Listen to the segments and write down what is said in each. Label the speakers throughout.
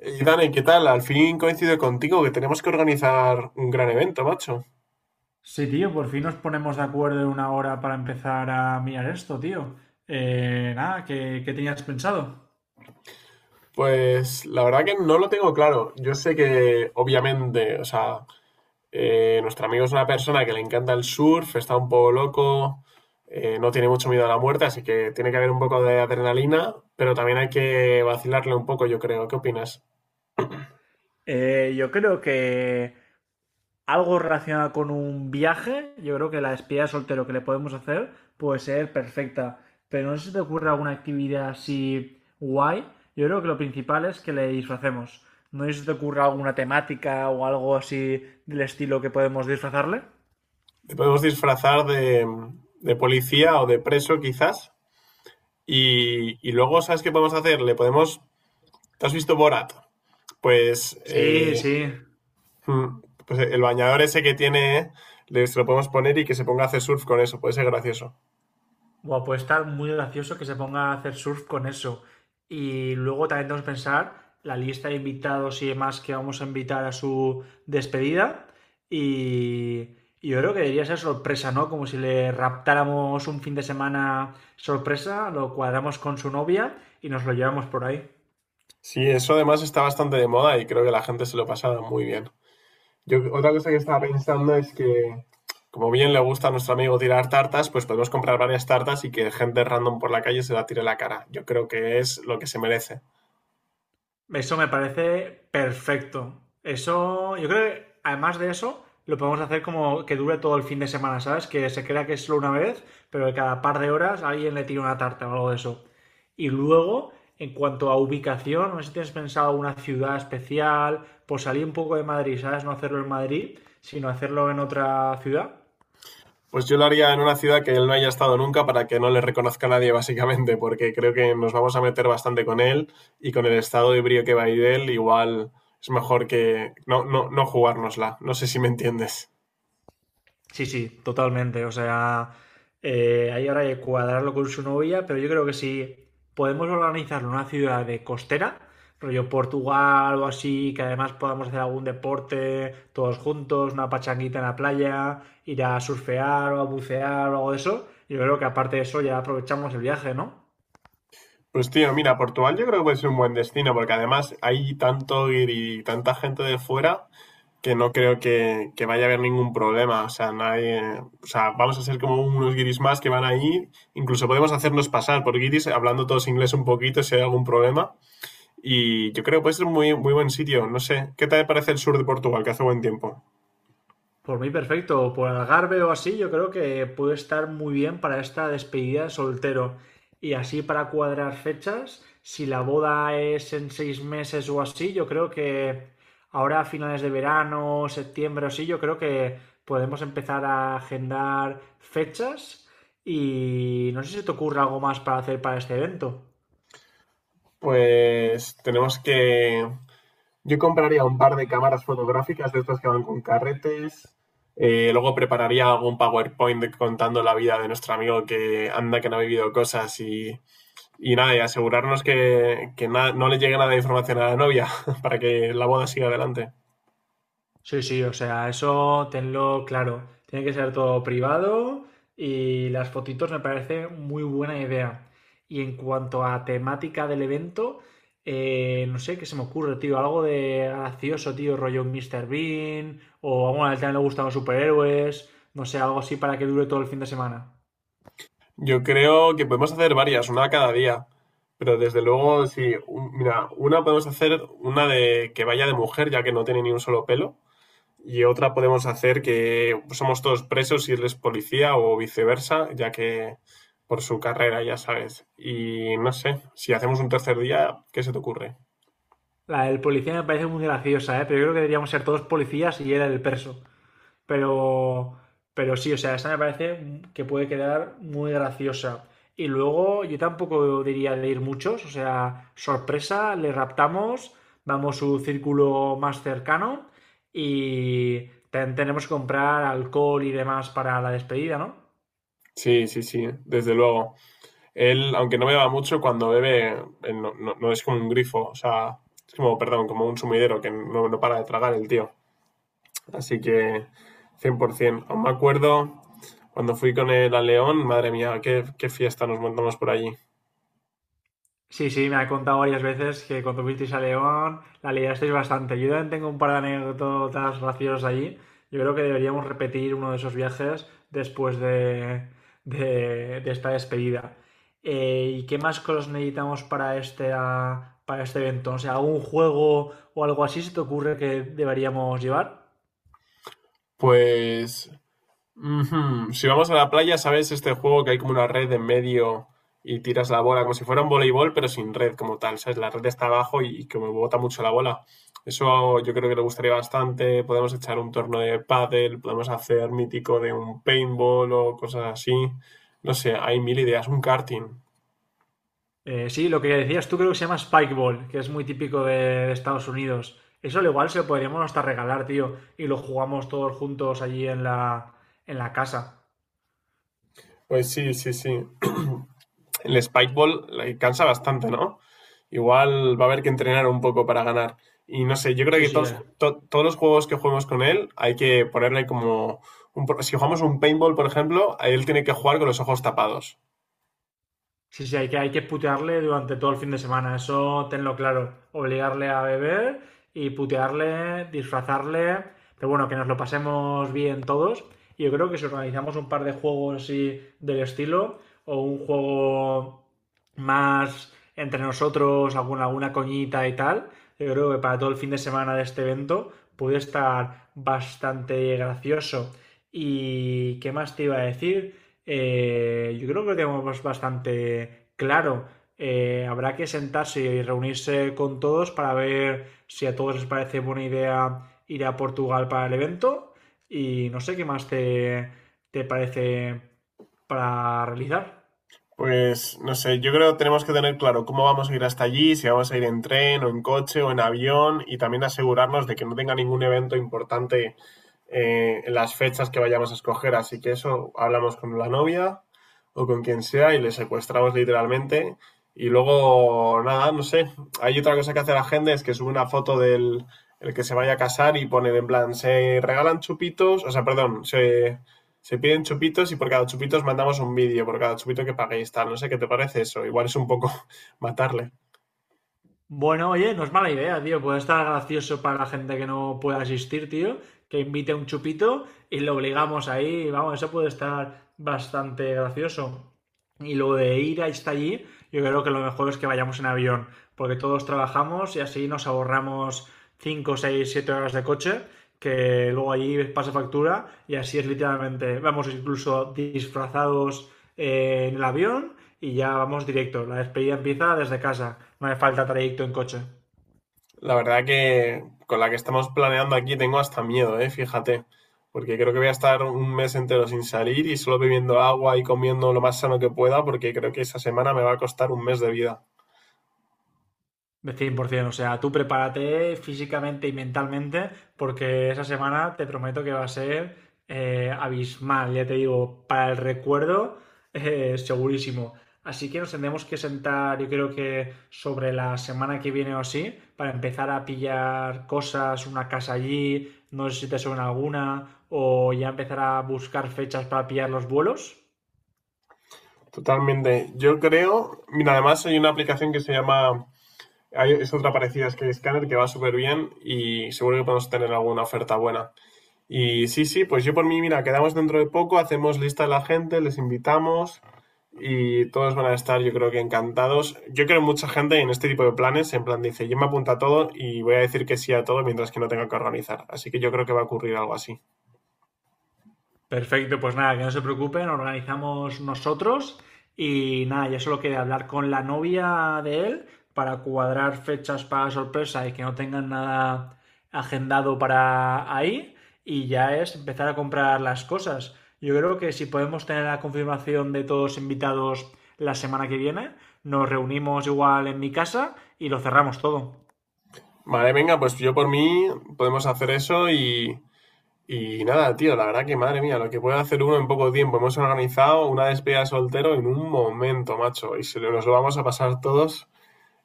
Speaker 1: Y Dani, ¿qué tal? Al fin coincido contigo que tenemos que organizar un gran evento, macho.
Speaker 2: Sí, tío, por fin nos ponemos de acuerdo en una hora para empezar a mirar esto, tío. Nada, ¿qué tenías pensado?
Speaker 1: Pues la verdad que no lo tengo claro. Yo sé que, obviamente, o sea, nuestro amigo es una persona que le encanta el surf, está un poco loco, no tiene mucho miedo a la muerte, así que tiene que haber un poco de adrenalina, pero también hay que vacilarle un poco, yo creo. ¿Qué opinas?
Speaker 2: Yo creo que algo relacionado con un viaje, yo creo que la despedida de soltero que le podemos hacer puede ser perfecta. Pero no sé si te ocurre alguna actividad así guay. Yo creo que lo principal es que le disfracemos. No sé si te ocurre alguna temática o algo así del estilo que podemos disfrazarle.
Speaker 1: Te podemos disfrazar de policía o de preso, quizás. Y luego, ¿sabes qué podemos hacer? Le podemos... ¿Te has visto Borat? Pues,
Speaker 2: Sí, sí.
Speaker 1: mm, el bañador ese que tiene, se lo podemos poner y que se ponga a hacer surf con eso, puede ser gracioso.
Speaker 2: Buah, puede estar muy gracioso que se ponga a hacer surf con eso. Y luego también tenemos que pensar la lista de invitados y demás que vamos a invitar a su despedida. Y, y yo creo que debería ser sorpresa, ¿no? Como si le raptáramos un fin de semana sorpresa, lo cuadramos con su novia y nos lo llevamos por ahí.
Speaker 1: Sí, eso además está bastante de moda y creo que la gente se lo pasa muy bien. Yo otra cosa que estaba pensando es que, como bien le gusta a nuestro amigo tirar tartas, pues podemos comprar varias tartas y que gente random por la calle se la tire en la cara. Yo creo que es lo que se merece.
Speaker 2: Eso me parece perfecto. Eso, yo creo que además de eso, lo podemos hacer como que dure todo el fin de semana, ¿sabes? Que se crea que es solo una vez, pero que cada par de horas alguien le tira una tarta o algo de eso. Y luego, en cuanto a ubicación, no sé si tienes pensado una ciudad especial, pues salir un poco de Madrid, ¿sabes? No hacerlo en Madrid, sino hacerlo en otra ciudad.
Speaker 1: Pues yo lo haría en una ciudad que él no haya estado nunca para que no le reconozca a nadie, básicamente, porque creo que nos vamos a meter bastante con él y con el estado de brío que va a ir él, igual es mejor que no, no, no jugárnosla. No sé si me entiendes.
Speaker 2: Sí, sí, totalmente. O sea, ahí ahora hay que cuadrarlo con su novia, pero yo creo que si podemos organizarlo en una ciudad de costera, rollo Portugal o así, que además podamos hacer algún deporte todos juntos, una pachanguita en la playa, ir a surfear o a bucear o algo de eso, yo creo que aparte de eso ya aprovechamos el viaje, ¿no?
Speaker 1: Pues tío, mira, Portugal yo creo que puede ser un buen destino, porque además hay tanto ir y tanta gente de fuera que no creo que vaya a haber ningún problema. O sea, nadie, o sea, vamos a ser como unos guiris más que van ahí. Incluso podemos hacernos pasar por guiris hablando todos inglés un poquito si hay algún problema. Y yo creo que puede ser un muy, muy buen sitio. No sé, ¿qué tal te parece el sur de Portugal, que hace buen tiempo?
Speaker 2: Por mí perfecto, por Algarve o así, yo creo que puede estar muy bien para esta despedida de soltero. Y así para cuadrar fechas, si la boda es en 6 meses o así, yo creo que ahora a finales de verano, septiembre o así, yo creo que podemos empezar a agendar fechas. Y no sé si te ocurre algo más para hacer para este evento.
Speaker 1: Pues tenemos que... Yo compraría un par de cámaras fotográficas de estas que van con carretes. Luego prepararía algún PowerPoint contando la vida de nuestro amigo que anda, que no ha vivido cosas y nada, y asegurarnos que no le llegue nada de información a la novia para que la boda siga adelante.
Speaker 2: Sí, sí, o sea, eso tenlo claro. Tiene que ser todo privado y las fotitos me parece muy buena idea. Y en cuanto a temática del evento, no sé qué se me ocurre, tío. Algo de gracioso, tío, rollo un Mr. Bean o bueno, a él también le gustan los superhéroes. No sé, algo así para que dure todo el fin de semana.
Speaker 1: Yo creo que podemos hacer varias, una cada día. Pero desde luego, sí, mira, una podemos hacer una de que vaya de mujer, ya que no tiene ni un solo pelo. Y otra podemos hacer que somos todos presos y él es policía o viceversa, ya que por su carrera, ya sabes. Y no sé, si hacemos un tercer día, ¿qué se te ocurre?
Speaker 2: La del policía me parece muy graciosa, ¿eh? Pero yo creo que deberíamos ser todos policías y él el perso. Pero, pero sí, o sea, esa me parece que puede quedar muy graciosa. Y luego yo tampoco diría de ir muchos, o sea, sorpresa, le raptamos, vamos a su círculo más cercano y tenemos que comprar alcohol y demás para la despedida, ¿no?
Speaker 1: Sí, sí, sí, desde luego. Él, aunque no beba mucho, cuando bebe, él no, no es como un grifo, o sea, es como, perdón, como un sumidero que no para de tragar el tío. Así que 100%. Aún me acuerdo cuando fui con él a León, madre mía, qué, qué fiesta nos montamos por allí.
Speaker 2: Sí, sí, me ha contado varias veces que cuando fuisteis a León la liasteis bastante. Yo también tengo un par de anécdotas graciosas allí. Yo creo que deberíamos repetir uno de esos viajes después de esta despedida. ¿Y qué más cosas necesitamos para este evento? O sea, ¿algún juego o algo así se te ocurre que deberíamos llevar?
Speaker 1: Pues ujú, si vamos a la playa, ¿sabes este juego que hay como una red en medio y tiras la bola como si fuera un voleibol, pero sin red como tal, ¿sabes? La red está abajo y como bota mucho la bola. Eso yo creo que le gustaría bastante. Podemos echar un torneo de pádel, podemos hacer mítico de un paintball o cosas así. No sé, hay mil ideas, un karting.
Speaker 2: Sí, lo que decías tú creo que se llama Spikeball, que es muy típico de Estados Unidos. Eso al igual se lo podríamos hasta regalar, tío, y lo jugamos todos juntos allí en en la casa.
Speaker 1: Pues sí, sí, sí. El Spike Ball le cansa bastante, ¿no? Igual va a haber que entrenar un poco para ganar. Y no sé, yo creo
Speaker 2: Sí,
Speaker 1: que
Speaker 2: sí.
Speaker 1: todos los juegos que juguemos con él hay que ponerle como... si jugamos un paintball, por ejemplo, él tiene que jugar con los ojos tapados.
Speaker 2: Sí, sí, hay que putearle durante todo el fin de semana, eso tenlo claro. Obligarle a beber y putearle, disfrazarle, pero bueno, que nos lo pasemos bien todos. Y yo creo que si organizamos un par de juegos así del estilo, o un juego más entre nosotros, alguna coñita y tal, yo creo que para todo el fin de semana de este evento puede estar bastante gracioso. ¿Y qué más te iba a decir? Yo creo que lo tenemos bastante claro. Habrá que sentarse y reunirse con todos para ver si a todos les parece buena idea ir a Portugal para el evento y no sé qué más te parece para realizar.
Speaker 1: Pues no sé, yo creo que tenemos que tener claro cómo vamos a ir hasta allí, si vamos a ir en tren o en coche o en avión y también asegurarnos de que no tenga ningún evento importante en las fechas que vayamos a escoger. Así que eso hablamos con la novia o con quien sea y le secuestramos literalmente. Y luego, nada, no sé, hay otra cosa que hace la gente es que sube una foto del el que se vaya a casar y pone en plan, se regalan chupitos, o sea, perdón, se piden chupitos y por cada chupito os mandamos un vídeo, por cada chupito que paguéis, tal. No sé qué te parece eso. Igual es un poco matarle.
Speaker 2: Bueno, oye, no es mala idea, tío. Puede estar gracioso para la gente que no pueda asistir, tío. Que invite un chupito y lo obligamos ahí. Vamos, eso puede estar bastante gracioso. Y lo de ir hasta allí, yo creo que lo mejor es que vayamos en avión, porque todos trabajamos y así nos ahorramos 5, 6, 7 horas de coche, que luego allí pasa factura y así es literalmente, vamos incluso disfrazados en el avión y ya vamos directo. La despedida empieza desde casa. No hace falta trayecto en coche.
Speaker 1: La verdad que con la que estamos planeando aquí tengo hasta miedo, ¿eh? Fíjate. Porque creo que voy a estar un mes entero sin salir y solo bebiendo agua y comiendo lo más sano que pueda, porque creo que esa semana me va a costar un mes de vida.
Speaker 2: De 100. O sea, tú prepárate físicamente y mentalmente porque esa semana te prometo que va a ser abismal. Ya te digo, para el recuerdo, segurísimo. Así que nos tendremos que sentar, yo creo que sobre la semana que viene o así, para empezar a pillar cosas, una casa allí, no sé si te suena alguna, o ya empezar a buscar fechas para pillar los vuelos.
Speaker 1: Totalmente. Yo creo, mira, además hay una aplicación que se llama, es otra parecida a Scanner que va súper bien y seguro que podemos tener alguna oferta buena. Y sí, sí, pues yo por mí, mira, quedamos dentro de poco, hacemos lista de la gente, les invitamos y todos van a estar, yo creo que encantados. Yo creo mucha gente en este tipo de planes, en plan dice, yo me apunto a todo y voy a decir que sí a todo mientras que no tenga que organizar. Así que yo creo que va a ocurrir algo así.
Speaker 2: Perfecto, pues nada, que no se preocupen, organizamos nosotros y nada, ya solo queda hablar con la novia de él para cuadrar fechas para sorpresa y que no tengan nada agendado para ahí y ya es empezar a comprar las cosas. Yo creo que si podemos tener la confirmación de todos invitados la semana que viene, nos reunimos igual en mi casa y lo cerramos todo.
Speaker 1: Vale, venga, pues yo por mí podemos hacer eso y nada, tío, la verdad que madre mía, lo que puede hacer uno en poco tiempo. Hemos organizado una despedida de soltero en un momento, macho, y nos lo vamos a pasar todos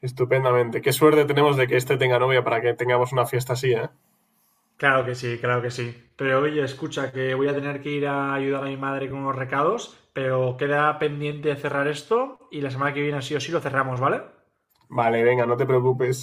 Speaker 1: estupendamente. Qué suerte tenemos de que este tenga novia para que tengamos una fiesta así, ¿eh?
Speaker 2: Claro que sí, claro que sí. Pero oye, escucha, que voy a tener que ir a ayudar a mi madre con unos recados, pero queda pendiente cerrar esto y la semana que viene sí o sí lo cerramos, ¿vale?
Speaker 1: Vale, venga, no te preocupes.